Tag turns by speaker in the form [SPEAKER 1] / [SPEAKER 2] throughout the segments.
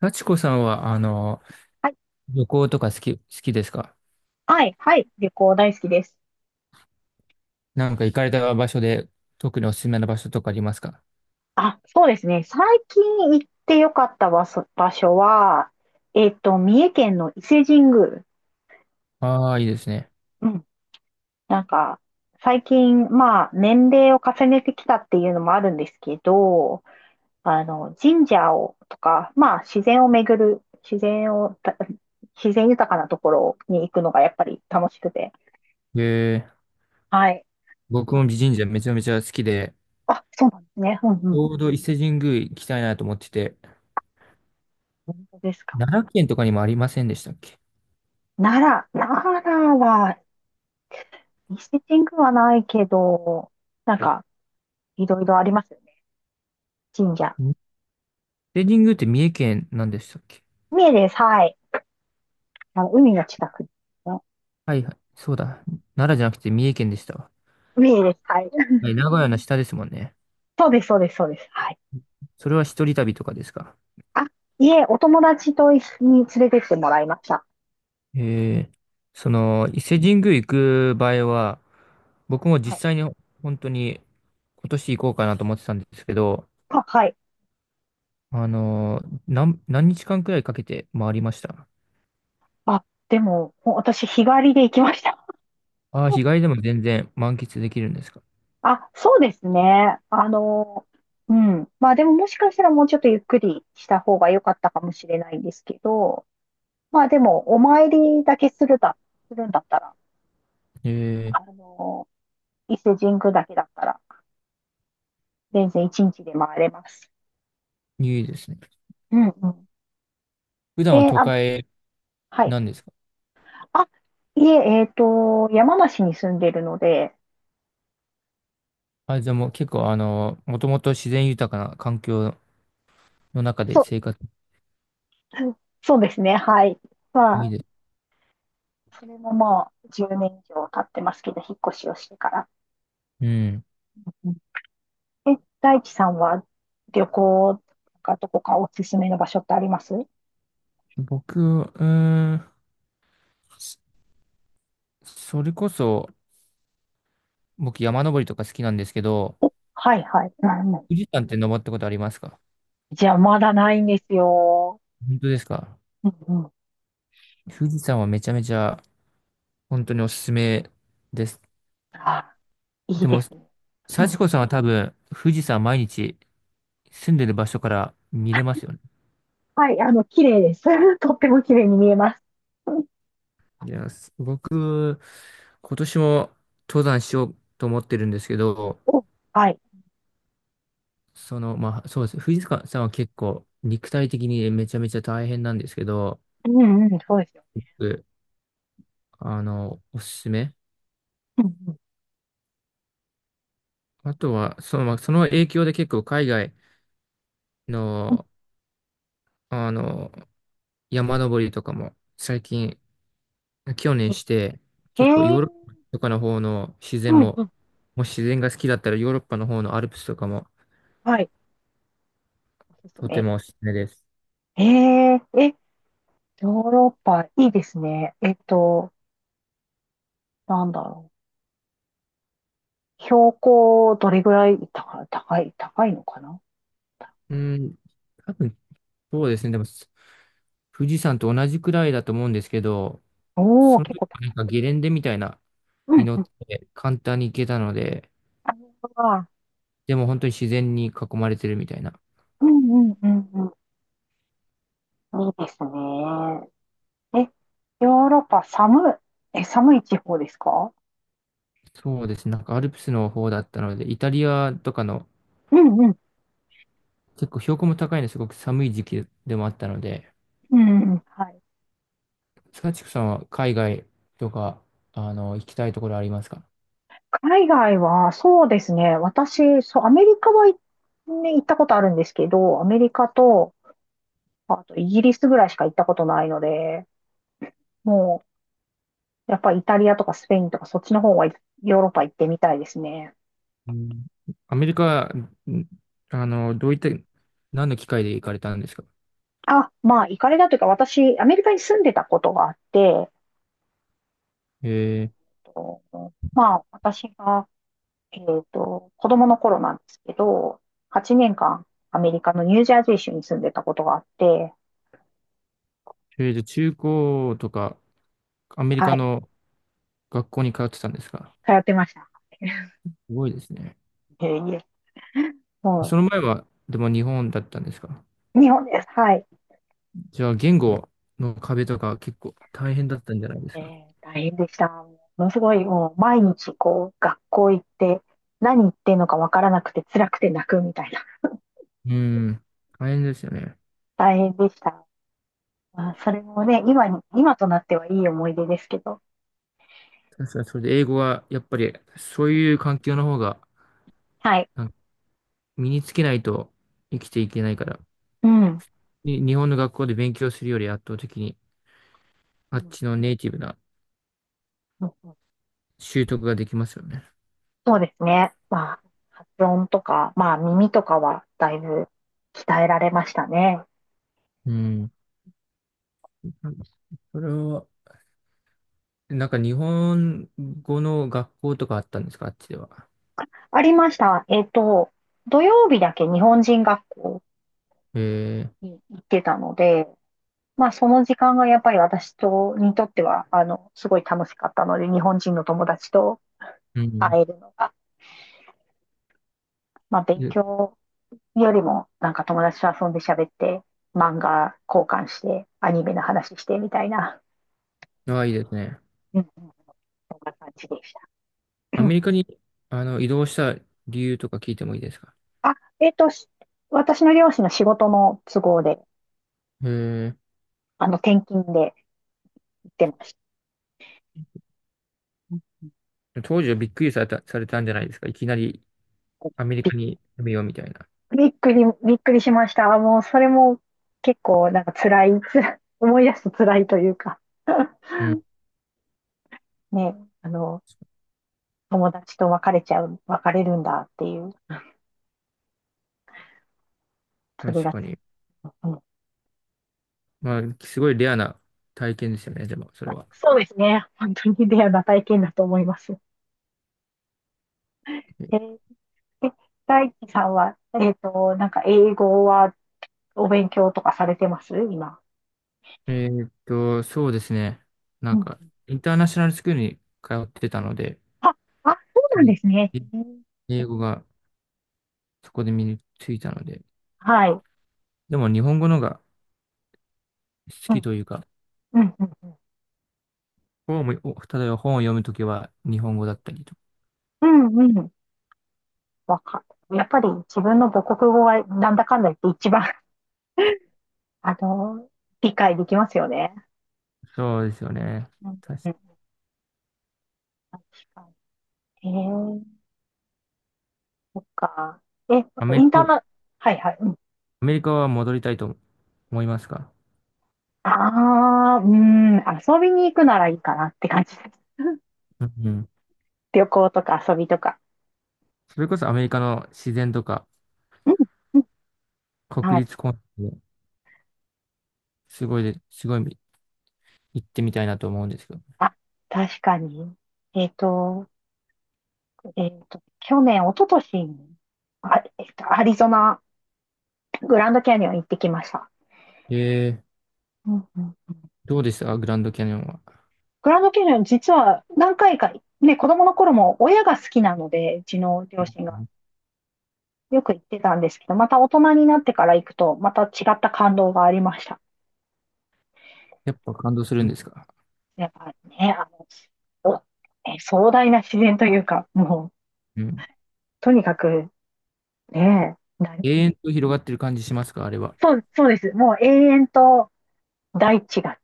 [SPEAKER 1] 幸子さんは、
[SPEAKER 2] はい、
[SPEAKER 1] 旅行とか好きですか？
[SPEAKER 2] はい、はい、旅行大好きです。
[SPEAKER 1] なんか行かれた場所で、特におすすめの場所とかありますか？
[SPEAKER 2] あ、そうですね。最近行ってよかった場所は、三重県の伊勢神宮
[SPEAKER 1] ああー、
[SPEAKER 2] で
[SPEAKER 1] いい
[SPEAKER 2] す。
[SPEAKER 1] ですね。
[SPEAKER 2] うん。なんか、最近、まあ、年齢を重ねてきたっていうのもあるんですけど、あの、神社を、とか、まあ、自然を巡る、自然を、た自然豊かなところに行くのがやっぱり楽しくて。
[SPEAKER 1] えー、
[SPEAKER 2] はい。
[SPEAKER 1] 僕も美神社めちゃめちゃ好きで、
[SPEAKER 2] あ、そうなんですね。うんう
[SPEAKER 1] ち
[SPEAKER 2] ん。
[SPEAKER 1] ょうど伊勢神宮行きたいなと思ってて、
[SPEAKER 2] 本当ですか？
[SPEAKER 1] 奈良県とかにもありませんでしたっけ？
[SPEAKER 2] 奈奈良はミスティッングはないけど、なんか、いろいろありますよね。神社。
[SPEAKER 1] 伊勢神宮って三重県なんでしたっけ？
[SPEAKER 2] 三重です。はい。あの、海の近くですね。
[SPEAKER 1] はいはい、そうだ。奈良じゃなくて三重県でしたわ。
[SPEAKER 2] 三重です。はい。
[SPEAKER 1] はい、名古屋の下ですもんね。
[SPEAKER 2] そうです、そうです、そうです。はい。
[SPEAKER 1] それは一人旅とかですか？
[SPEAKER 2] あ、いえ、お友達と一緒に連れてってもらいました。
[SPEAKER 1] えー、
[SPEAKER 2] う
[SPEAKER 1] そ
[SPEAKER 2] ん、
[SPEAKER 1] の、伊勢神宮行く場合は、僕も
[SPEAKER 2] はい。
[SPEAKER 1] 実際に本当に今年行こうかなと思ってたんですけど、
[SPEAKER 2] あ、はい。
[SPEAKER 1] 何日間くらいかけて回りました？
[SPEAKER 2] あ、でも、もう私、日帰りで行きました。
[SPEAKER 1] ああー、日帰りでも全然満喫できるんですか？
[SPEAKER 2] あ、そうですね。あの、うん。まあでも、もしかしたらもうちょっとゆっくりした方が良かったかもしれないんですけど、まあでも、お参りだけするだ、するんだったら、あ
[SPEAKER 1] え
[SPEAKER 2] の、伊勢神宮だけだったら、全然一日で回れます。
[SPEAKER 1] ー、いいですね。
[SPEAKER 2] うんうん。
[SPEAKER 1] 普段は
[SPEAKER 2] で、
[SPEAKER 1] 都
[SPEAKER 2] あ、
[SPEAKER 1] 会
[SPEAKER 2] はい。
[SPEAKER 1] なんですか？
[SPEAKER 2] あ、いえ、山梨に住んでるので、
[SPEAKER 1] あ、じゃあもう結構もともと自然豊かな環境の中で
[SPEAKER 2] そう、
[SPEAKER 1] 生活
[SPEAKER 2] そうですね、はい。ま
[SPEAKER 1] いい
[SPEAKER 2] あ、
[SPEAKER 1] です。
[SPEAKER 2] それももう10年以上経ってますけど、引っ越しをしてから。
[SPEAKER 1] うん。
[SPEAKER 2] うん、え、大地さんは旅行とかどこかおすすめの場所ってあります？
[SPEAKER 1] 僕、うーん、そそれこそ、僕山登りとか好きなんですけど、
[SPEAKER 2] はいはい。うんうん。
[SPEAKER 1] 富士山って登ったことありますか？
[SPEAKER 2] じゃあまだないんですよ。
[SPEAKER 1] 本当ですか？
[SPEAKER 2] うんうん。
[SPEAKER 1] 富士山はめちゃめちゃ本当におすすめです。
[SPEAKER 2] あ、いい
[SPEAKER 1] で
[SPEAKER 2] で
[SPEAKER 1] も、
[SPEAKER 2] すね。
[SPEAKER 1] 幸子さんは多分富士山毎日住んでる場所から見れますよね。
[SPEAKER 2] はい、あの、綺麗です。とっても綺麗に見えます。お
[SPEAKER 1] いや、僕、今年も登山しようと思ってるんですけど、
[SPEAKER 2] はい。
[SPEAKER 1] その、まあ、そうです。富士山さんは結構肉体的にめちゃめちゃ大変なんですけど、
[SPEAKER 2] うんうん、そうですよ。
[SPEAKER 1] 僕おすすめ。
[SPEAKER 2] うんうん。
[SPEAKER 1] あとは、その、まあその影響で結構海外
[SPEAKER 2] うん、
[SPEAKER 1] の、あの、山登りとかも最近、去年し
[SPEAKER 2] え
[SPEAKER 1] て、
[SPEAKER 2] へ
[SPEAKER 1] 結構ヨ
[SPEAKER 2] え。
[SPEAKER 1] ーロッパとかの方の自然
[SPEAKER 2] うんう
[SPEAKER 1] も、
[SPEAKER 2] ん。
[SPEAKER 1] もし自然が好きだったらヨーロッパの方のアルプスとかも
[SPEAKER 2] はい。おすす
[SPEAKER 1] とて
[SPEAKER 2] め。
[SPEAKER 1] もおすすめです。
[SPEAKER 2] ええ、ヨーロッパ、いいですね。なんだろう。標高、どれぐらい高い、高い、高いのかな？
[SPEAKER 1] うん、多分そうですね。でも富士山と同じくらいだと思うんですけど、
[SPEAKER 2] おおー、
[SPEAKER 1] その
[SPEAKER 2] 結
[SPEAKER 1] 時
[SPEAKER 2] 構高
[SPEAKER 1] はなん
[SPEAKER 2] い。
[SPEAKER 1] かゲレンデみたいな
[SPEAKER 2] う
[SPEAKER 1] に
[SPEAKER 2] ん
[SPEAKER 1] 乗
[SPEAKER 2] う
[SPEAKER 1] っ
[SPEAKER 2] ん。
[SPEAKER 1] て簡単に行けたので、
[SPEAKER 2] ああ、
[SPEAKER 1] でも本当に自然に囲まれてるみたいな。
[SPEAKER 2] うんうんうんうん。いいですね。え、ヨーロッパ、寒い、寒い地方ですか？
[SPEAKER 1] そうですね。なんかアルプスの方だったので、イタリアとかの
[SPEAKER 2] うんうん。
[SPEAKER 1] 結構標高も高いのですごく寒い時期でもあったので、
[SPEAKER 2] うんうん。はい。
[SPEAKER 1] サチクさんは海外とか、あの、行きたいところありますか？
[SPEAKER 2] 海外は、そうですね。私、そう、アメリカは、ね、行ったことあるんですけど、アメリカと、あとイギリスぐらいしか行ったことないので、もう、やっぱりイタリアとかスペインとかそっちの方は、ヨーロッパ行ってみたいですね。
[SPEAKER 1] うん、アメリカ、ん、あの、どういった、何の機会で行かれたんですか？
[SPEAKER 2] あ、まあ、行かれたというか、私、アメリカに住んでたことがあって、
[SPEAKER 1] え
[SPEAKER 2] えっとまあ、私が、えっ子供の頃なんですけど、8年間、アメリカのニュージャージー州に住んでたことがあって、
[SPEAKER 1] ー、とりあえず中高とか、アメリ
[SPEAKER 2] は
[SPEAKER 1] カ
[SPEAKER 2] い、
[SPEAKER 1] の学校に通ってたんですか？
[SPEAKER 2] 通ってました。
[SPEAKER 1] すごいですね。
[SPEAKER 2] いえいえ。
[SPEAKER 1] その前は、でも日本だったんですか？
[SPEAKER 2] 日本です。はい。
[SPEAKER 1] じゃあ、言語の壁とか結構大変だったんじゃないですか？
[SPEAKER 2] 大変でした。ものすごい、もう毎日こう、学校行って、何言ってんのかわからなくて辛くて泣くみたいな。
[SPEAKER 1] うん、大変ですよね。
[SPEAKER 2] 大変でした。まあ、それもね、今となってはいい思い出ですけど。
[SPEAKER 1] 確かに、それで英語は、やっぱり、そういう環境の方が、
[SPEAKER 2] はい。
[SPEAKER 1] なん身につけないと生きていけないから、
[SPEAKER 2] うん。
[SPEAKER 1] に日本の学校で勉強するより圧倒的に、
[SPEAKER 2] う
[SPEAKER 1] あっ
[SPEAKER 2] ん
[SPEAKER 1] ちのネイティブな
[SPEAKER 2] うんうん、
[SPEAKER 1] 習得ができますよね。
[SPEAKER 2] そうですね。まあ、発音とか、まあ、耳とかはだいぶ鍛えられましたね。
[SPEAKER 1] うん。それは、なんか日本語の学校とかあったんですか、あっちでは。
[SPEAKER 2] ありました。土曜日だけ日本人学校
[SPEAKER 1] えー、
[SPEAKER 2] に行ってたので、まあ、その時間がやっぱり私にとっては、あの、すごい楽しかったので、日本人の友達と
[SPEAKER 1] うん。
[SPEAKER 2] 会えるのが、まあ、勉
[SPEAKER 1] え、
[SPEAKER 2] 強よりも、なんか友達と遊んで喋って、漫画交換して、アニメの話してみたいな、
[SPEAKER 1] あ、いいですね。
[SPEAKER 2] うんうん、そんな感じでした。
[SPEAKER 1] アメ リカに、あの、移動した理由とか聞いてもいいですか。
[SPEAKER 2] あ、えっと、し私の両親の仕事の都合で、
[SPEAKER 1] え
[SPEAKER 2] あの、転勤で行ってました。
[SPEAKER 1] ー、当時はびっくりされた、されたんじゃないですか。いきなりアメリ
[SPEAKER 2] びっ
[SPEAKER 1] カに住めようみたいな。
[SPEAKER 2] びっくり、びっくりしました。もう、それも結構、なんか辛い、辛い、思い出すと辛いというか、
[SPEAKER 1] うん。
[SPEAKER 2] ね、あの、友達と別れちゃう、別れるんだっていう、それ
[SPEAKER 1] 確
[SPEAKER 2] が
[SPEAKER 1] か
[SPEAKER 2] つい、
[SPEAKER 1] に。
[SPEAKER 2] うん、
[SPEAKER 1] まあ、すごいレアな体験ですよね、でも、それは。
[SPEAKER 2] そうですね。本当にレアな体験だと思います。えー、え大地さんは、なんか英語はお勉強とかされてます今？
[SPEAKER 1] えーっと、そうですね。な
[SPEAKER 2] う
[SPEAKER 1] ん
[SPEAKER 2] ん。
[SPEAKER 1] か、インターナショナルスクールに通ってたので、
[SPEAKER 2] あ、あ、そうなんです
[SPEAKER 1] い
[SPEAKER 2] ね。
[SPEAKER 1] 英語がそこで身についたので、
[SPEAKER 2] はい。
[SPEAKER 1] でも日本語のが好
[SPEAKER 2] う
[SPEAKER 1] き
[SPEAKER 2] ん、
[SPEAKER 1] というか、
[SPEAKER 2] うん、うん、
[SPEAKER 1] 本も、お例えば本を読むときは日本語だったりと。
[SPEAKER 2] うん、うん。うん、わかやっぱり自分の母国語はなんだかんだ言って一番、あの、理解できますよね。
[SPEAKER 1] そうですよね。
[SPEAKER 2] うん、うん、
[SPEAKER 1] 確か、
[SPEAKER 2] 確かに。そっか。え、
[SPEAKER 1] アメ
[SPEAKER 2] イ
[SPEAKER 1] リ
[SPEAKER 2] ンター
[SPEAKER 1] カ、
[SPEAKER 2] ナ、はいはい。うん。
[SPEAKER 1] アメリカは戻りたいと思いますか？
[SPEAKER 2] ああ、うん、遊びに行くならいいかなって感じです。
[SPEAKER 1] うんうん。
[SPEAKER 2] 旅行とか遊びとか。
[SPEAKER 1] それこそアメリカの自然とか、
[SPEAKER 2] うんうん、
[SPEAKER 1] 国
[SPEAKER 2] はい。
[SPEAKER 1] 立公園、すごいすごい行ってみたいなと思うんですけど。
[SPEAKER 2] あ、確かに。えっと、去年、一昨年に、あ、アリゾナ、グランドキャニオン行ってきました。
[SPEAKER 1] ええ、
[SPEAKER 2] うんうん。
[SPEAKER 1] どうでしたグランドキャニオンは。
[SPEAKER 2] グランドキャニオン、実は何回か、ね、子供の頃も親が好きなので、うちの両
[SPEAKER 1] う
[SPEAKER 2] 親が
[SPEAKER 1] ん、
[SPEAKER 2] よく行ってたんですけど、また大人になってから行くと、また違った感動がありました。
[SPEAKER 1] やっぱ感動するんですか？
[SPEAKER 2] やっぱね、あの、壮大な自然というか、もう、
[SPEAKER 1] うん。
[SPEAKER 2] とにかく、ね、
[SPEAKER 1] 永遠と広がってる感じしますかあれは。
[SPEAKER 2] そう、そうです。もう永遠と大地が、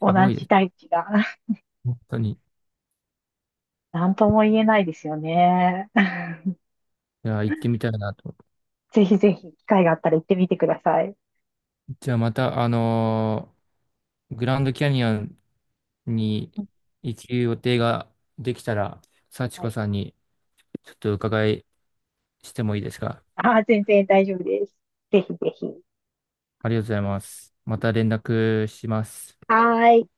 [SPEAKER 2] 同
[SPEAKER 1] すごいで
[SPEAKER 2] じ
[SPEAKER 1] す。
[SPEAKER 2] 大地が、
[SPEAKER 1] 本当に。い
[SPEAKER 2] なんとも言えないですよね。
[SPEAKER 1] や、行ってみたいなと。
[SPEAKER 2] ぜひぜひ、機会があったら行ってみてください。
[SPEAKER 1] じゃあまた、あのーグランドキャニオンに行く予定ができたら、幸
[SPEAKER 2] は
[SPEAKER 1] 子
[SPEAKER 2] い。
[SPEAKER 1] さんにちょっと伺いしてもいいですか？
[SPEAKER 2] あー、全然大丈夫です。ぜひぜひ。
[SPEAKER 1] ありがとうございます。また連絡します。
[SPEAKER 2] はーい。